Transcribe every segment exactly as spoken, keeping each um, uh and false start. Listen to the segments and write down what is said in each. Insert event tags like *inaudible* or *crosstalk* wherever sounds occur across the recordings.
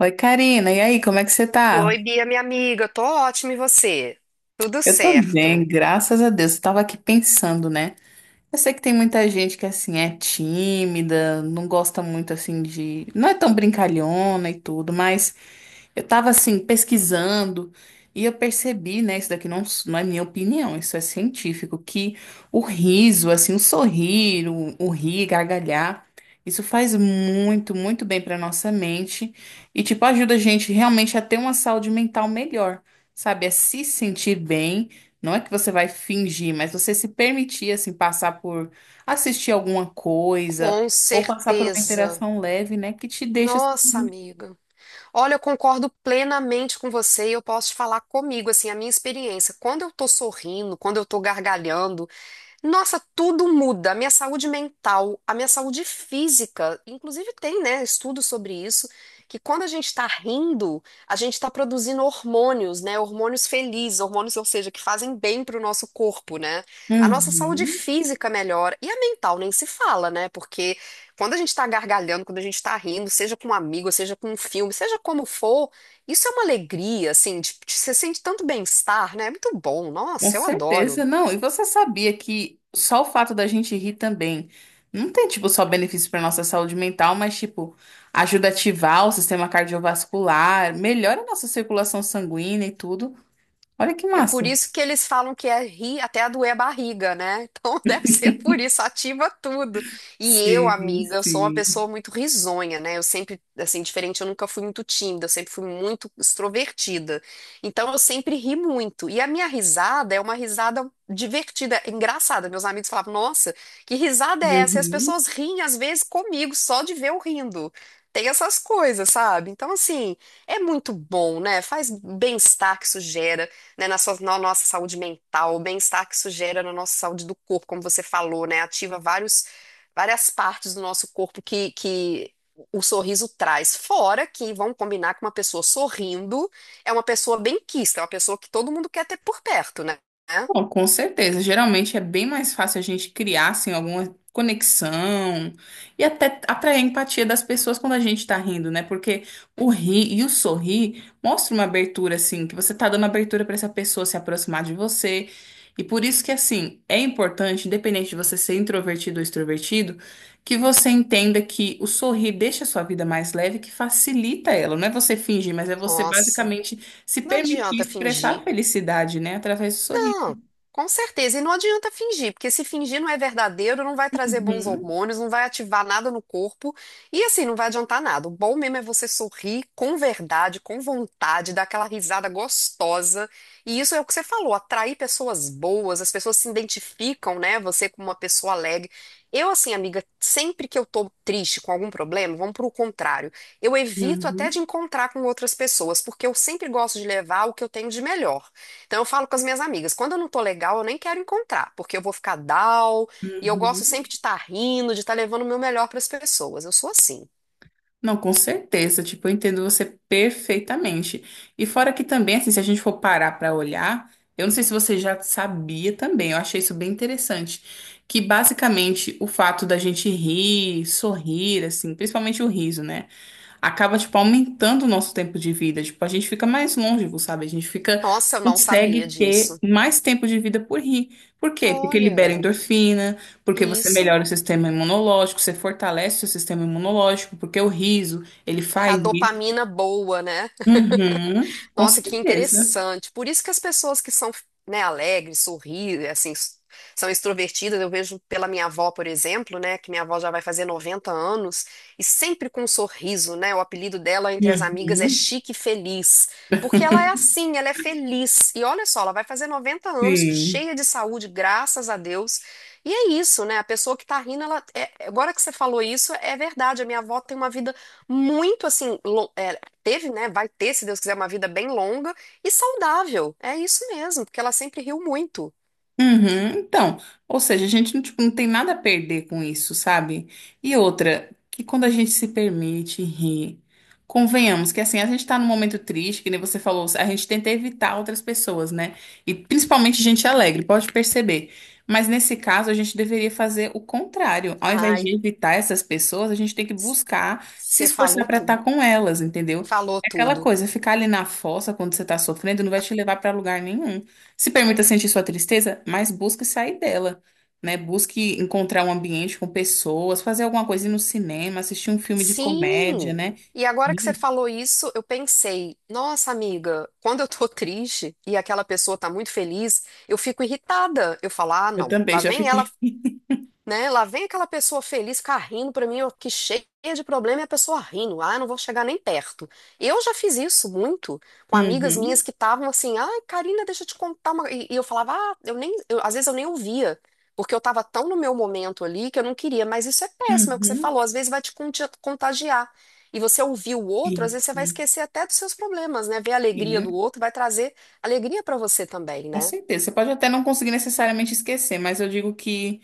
Oi, Karina, e aí, como é que você tá? Oi, Bia, minha amiga, tô ótima e você? Tudo Eu tô bem, certo. graças a Deus. Eu tava aqui pensando, né? Eu sei que tem muita gente que, assim, é tímida, não gosta muito, assim, de. Não é tão brincalhona e tudo, mas. Eu tava assim pesquisando e eu percebi, né, isso daqui não, s- não é minha opinião, isso é científico, que o riso, assim, o sorrir, o, o rir, gargalhar, isso faz muito, muito bem pra nossa mente e tipo ajuda a gente realmente a ter uma saúde mental melhor, sabe? É se sentir bem, não é que você vai fingir, mas você se permitir assim passar por assistir alguma coisa Com ou passar por uma certeza. interação leve, né, que te deixa Nossa, assim. amiga. Olha, eu concordo plenamente com você e eu posso te falar comigo, assim, a minha experiência. Quando eu tô sorrindo, quando eu tô gargalhando, nossa, tudo muda. A minha saúde mental, a minha saúde física, inclusive tem, né, estudos sobre isso, que quando a gente está rindo, a gente está produzindo hormônios, né, hormônios felizes, hormônios, ou seja, que fazem bem para o nosso corpo, né? A nossa saúde Uhum. física melhora e a mental nem se fala, né? Porque quando a gente está gargalhando, quando a gente está rindo, seja com um amigo, seja com um filme, seja como for, isso é uma alegria, assim, de, de- você sente tanto bem-estar, né? É muito bom. Com Nossa, eu certeza, adoro. não. E você sabia que só o fato da gente rir também não tem, tipo, só benefício para nossa saúde mental, mas, tipo, ajuda a ativar o sistema cardiovascular, melhora a nossa circulação sanguínea e tudo. Olha que É por massa. isso que eles falam que é rir até a doer a barriga, né? Então *laughs* deve ser por isso, ativa tudo. E eu, Sim, amiga, eu sou uma sim. pessoa muito risonha, né? Eu sempre, assim, diferente, eu nunca fui muito tímida, eu sempre fui muito extrovertida. Então eu sempre ri muito. E a minha risada é uma risada divertida, é engraçada. Meus amigos falavam, nossa, que risada é essa? E as Uhum. pessoas riem, às vezes, comigo, só de ver eu rindo. Tem essas coisas, sabe? Então, assim, é muito bom, né? Faz bem-estar que isso gera, né, na, sua- na nossa saúde mental, o bem-estar que isso gera na nossa saúde do corpo, como você falou, né? Ativa vários, várias partes do nosso corpo que, que o sorriso traz. Fora que vão combinar que uma pessoa sorrindo é uma pessoa benquista, é uma pessoa que todo mundo quer ter por perto, né? Bom, com certeza. Geralmente é bem mais fácil a gente criar assim, alguma conexão e até atrair a empatia das pessoas quando a gente tá rindo, né? Porque o rir e o sorrir mostra uma abertura, assim, que você tá dando abertura pra essa pessoa se aproximar de você. E por isso que, assim, é importante, independente de você ser introvertido ou extrovertido, que você entenda que o sorrir deixa a sua vida mais leve, que facilita ela. Não é você fingir, mas é você Nossa, basicamente se não permitir adianta expressar a fingir. felicidade, né? Através do sorriso. Não, com certeza. E não adianta fingir, porque se fingir não é verdadeiro, não vai trazer bons Uhum, hormônios, não vai ativar nada no corpo e assim não vai adiantar nada. O bom mesmo é você sorrir com verdade, com vontade, dar aquela risada gostosa. E isso é o que você falou, atrair pessoas boas, as pessoas se identificam, né? Você como uma pessoa alegre. Eu, assim, amiga, sempre que eu tô triste com algum problema, vamos pro contrário. Eu evito até de uhum, encontrar com outras pessoas, porque eu sempre gosto de levar o que eu tenho de melhor. Então eu falo com as minhas amigas, quando eu não tô legal, eu nem quero encontrar, porque eu vou ficar down, e eu gosto uhum. sempre de estar rindo, de estar levando o meu melhor para as pessoas. Eu sou assim. Não, com certeza. Tipo, eu entendo você perfeitamente. E fora que também, assim, se a gente for parar para olhar, eu não sei se você já sabia também, eu achei isso bem interessante, que basicamente o fato da gente rir, sorrir, assim, principalmente o riso, né? Acaba, tipo, aumentando o nosso tempo de vida. Tipo, a gente fica mais longevo, sabe? A gente fica, Nossa, eu não consegue sabia ter disso. mais tempo de vida por rir. Por quê? Porque libera Olha, endorfina, porque você isso melhora o sistema imunológico, você fortalece o sistema imunológico, porque o riso, ele é a faz isso. dopamina boa, né? Uhum, com Nossa, que certeza. interessante. Por isso que as pessoas que são, né, alegres, sorri, assim, s- são extrovertidas, eu vejo pela minha avó, por exemplo, né, que minha avó já vai fazer noventa anos e sempre com um sorriso, né? O apelido dela entre as amigas é Uhum, Chique Feliz, porque ela é assim, ela é feliz. E olha só, ela vai fazer noventa anos sim. cheia de saúde, graças a Deus. E é isso, né? A pessoa que tá rindo, ela é- agora que você falou isso, é verdade. A minha avó tem uma vida muito assim, teve, né? Vai ter, se Deus quiser, uma vida bem longa e saudável. É isso mesmo, porque ela sempre riu muito. Uhum, então, ou seja, a gente não, tipo, não tem nada a perder com isso, sabe? E outra, que quando a gente se permite rir, convenhamos que assim, a gente tá num momento triste, que nem você falou, a gente tenta evitar outras pessoas, né? E principalmente gente alegre, pode perceber. Mas nesse caso, a gente deveria fazer o contrário. Ao invés Ai, de evitar essas pessoas, a gente tem que buscar se você esforçar falou pra estar tudo. com elas, entendeu? Falou É aquela tudo. coisa, ficar ali na fossa quando você tá sofrendo não vai te levar pra lugar nenhum. Se permita sentir sua tristeza, mas busque sair dela, né? Busque encontrar um ambiente com pessoas, fazer alguma coisa, ir no cinema, assistir um filme de comédia, Sim! né? E agora que você Ih, falou isso, eu pensei, nossa amiga, quando eu tô *laughs* triste e aquela pessoa tá muito feliz, eu fico irritada. Eu falo, ah, eu não, também lá já vem ela, fiquei. *laughs* né? Lá vem aquela pessoa feliz, carrindo pra mim, ó, que cheia de problema e a pessoa rindo. Ah, não vou chegar nem perto. Eu já fiz isso muito com amigas Uhum, minhas que estavam assim, ai, Karina, deixa eu te contar uma. E, e eu falava, ah, eu nem, eu- às vezes eu nem ouvia. Porque eu tava tão no meu momento ali que eu não queria, mas isso é péssimo, é o que você uhum, falou, às vezes vai te conti- contagiar. E você ouvir o outro, às vezes você isso. vai esquecer até dos seus problemas, né? Ver a alegria do Sim, outro vai trazer alegria pra você também, com né? certeza. Você pode até não conseguir necessariamente esquecer, mas eu digo que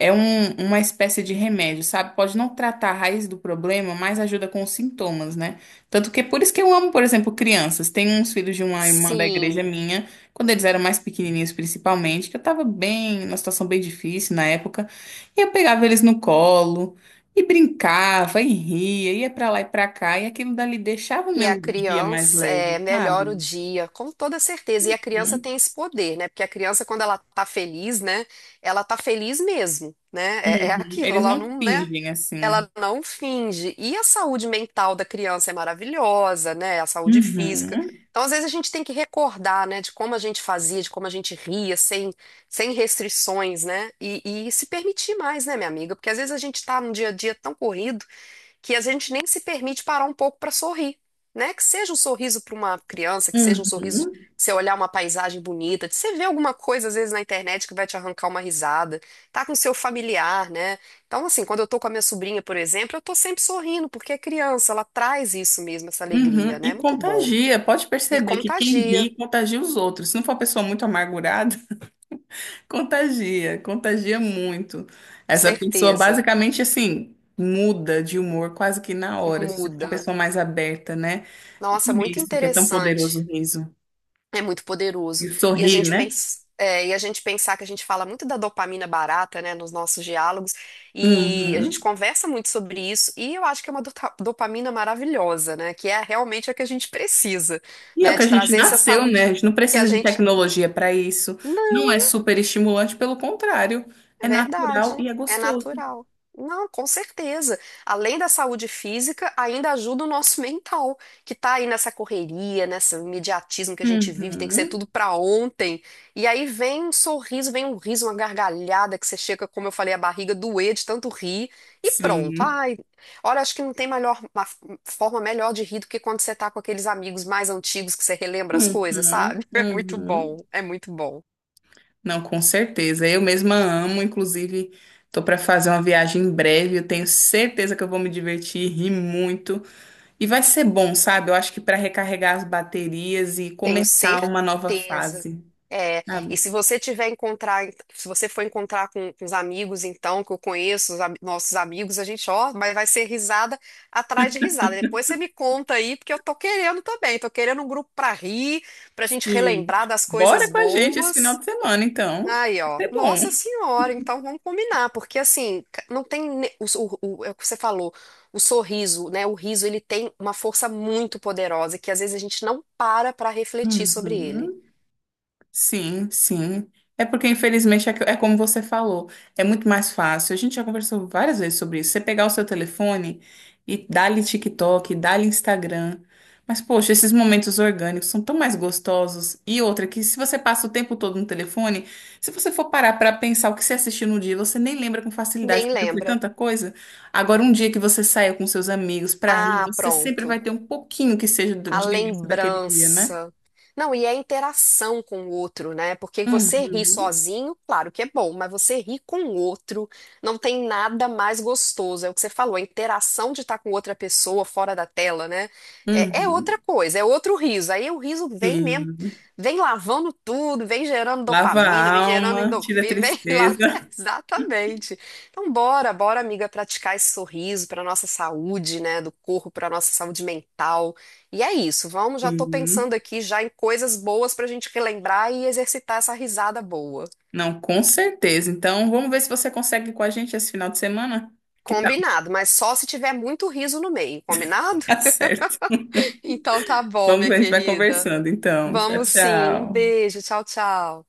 É um- uma espécie de remédio, sabe? Pode não tratar a raiz do problema, mas ajuda com os sintomas, né? Tanto que é por isso que eu amo, por exemplo, crianças. Tem uns filhos de uma irmã da igreja Sim. minha, quando eles eram mais pequenininhos, principalmente, que eu tava bem, numa situação bem difícil na época, e eu pegava eles no colo e brincava e ria, ia pra lá e pra cá, e aquilo dali deixava o E a meu dia mais criança é, leve, melhora o sabe? dia, com toda certeza. E a criança Uhum. tem esse poder, né? Porque a criança, quando ela tá feliz, né? Ela tá feliz mesmo, né? É, é Uhum. aquilo, Eles ela não não, né? fingem assim. Ela não finge. E a saúde mental da criança é maravilhosa, né? A saúde física. Uhum. Então, às vezes, a gente tem que recordar, né? De como a gente fazia, de como a gente ria, sem, sem restrições, né? E, e se permitir mais, né, minha amiga? Porque às vezes a gente tá num dia a dia tão corrido que a gente nem se permite parar um pouco para sorrir, né? Que seja um sorriso para uma criança, que seja um sorriso de Uhum. você olhar uma paisagem bonita, de você ver alguma coisa às vezes na internet que vai te arrancar uma risada, tá com seu familiar, né? Então, assim, quando eu tô com a minha sobrinha, por exemplo, eu tô sempre sorrindo, porque é criança, ela traz isso mesmo, essa alegria, Uhum, né? e Muito bom. contagia, pode E perceber que quem contagia, ri contagia os outros. Se não for uma pessoa muito amargurada, *laughs* contagia, contagia muito. com Essa pessoa certeza. basicamente assim muda de humor quase que na hora, se for uma Muda. pessoa mais aberta, né? Por Nossa, muito isso que é tão poderoso interessante. o riso. É muito poderoso. E E a sorrir, gente né? pensa, é, e a gente pensar que a gente fala muito da dopamina barata, né, nos nossos diálogos, e a gente Uhum. conversa muito sobre isso, e eu acho que é uma dota- dopamina maravilhosa, né, que é realmente a que a gente precisa, E é o né, que a de gente trazer essa nasceu, saúde né? A gente não que a precisa de gente. tecnologia para isso. Não Não. é super estimulante, pelo contrário, É é natural verdade, e é é gostoso. natural. Não, com certeza. Além da saúde física, ainda ajuda o nosso mental, que tá aí nessa correria, nesse imediatismo que a gente vive, tem que ser Uhum. tudo pra ontem. E aí vem um sorriso, vem um riso, uma gargalhada que você chega, como eu falei, a barriga doer de tanto rir e pronto. Sim. Ai, olha, acho que não tem melhor, uma forma melhor de rir do que quando você tá com aqueles amigos mais antigos que você relembra as coisas, sabe? Uhum, *laughs* É muito bom, uhum. é muito bom. Não, com certeza. Eu mesma amo, inclusive, tô para fazer uma viagem em breve. Eu tenho certeza que eu vou me divertir, rir muito e vai ser bom, sabe? Eu acho que para recarregar as baterias e Tenho começar uma nova certeza. fase, É, sabe? e se você tiver encontrar, se você for encontrar com, com os amigos, então, que eu conheço, os am- nossos amigos, a gente, ó, mas vai ser risada atrás de risada. Depois você me conta aí, porque eu tô querendo também, tô querendo um grupo pra rir, pra gente Sim. relembrar das coisas Bora com a gente esse final boas. de semana, então. Aí, ó. Vai ser bom. Nossa senhora, então vamos combinar, porque assim, ca- não tem ne- o, o, o- é o que você falou, o sorriso, né? O riso, ele tem uma força muito poderosa que às vezes a gente não para para refletir sobre ele. Uhum. Sim, sim. É porque, infelizmente, é que- é como você falou, é muito mais fácil. A gente já conversou várias vezes sobre isso. Você pegar o seu telefone e dá-lhe TikTok, dá-lhe Instagram. Mas, poxa, esses momentos orgânicos são tão mais gostosos. E outra, que se você passa o tempo todo no telefone, se você for parar para pensar o que você assistiu no dia, você nem lembra com facilidade, Nem porque foi lembra. tanta coisa. Agora, um dia que você saia com seus amigos para rir, Ah, você sempre pronto. vai ter um pouquinho que seja A de lembrança daquele dia, né? lembrança. Não, e é a interação com o outro, né? Porque você ri Uhum. sozinho, claro que é bom, mas você ri com o outro, não tem nada mais gostoso. É o que você falou, a interação de estar com outra pessoa fora da tela, né? É, é outra Uhum. coisa, é outro riso. Aí o riso vem mesmo, Sim. vem lavando tudo, vem gerando Lava a dopamina, vem gerando alma, tira a endorfina, vem lá. tristeza. *laughs* Exatamente. Então, bora, bora, amiga, praticar esse sorriso para nossa saúde, né? Do corpo, para nossa saúde mental. E é isso, vamos, já tô Sim. pensando aqui já em coisas boas pra gente relembrar e exercitar essa risada boa. Não, com certeza. Então, vamos ver se você consegue ir com a gente esse final de semana. Que tal? Combinado, mas só se tiver muito riso no meio, combinado? *laughs* Tá *laughs* certo. Então tá bom, Vamos minha ver, a gente vai querida. conversando. Então, tchau, Vamos sim, um tchau. beijo, tchau, tchau.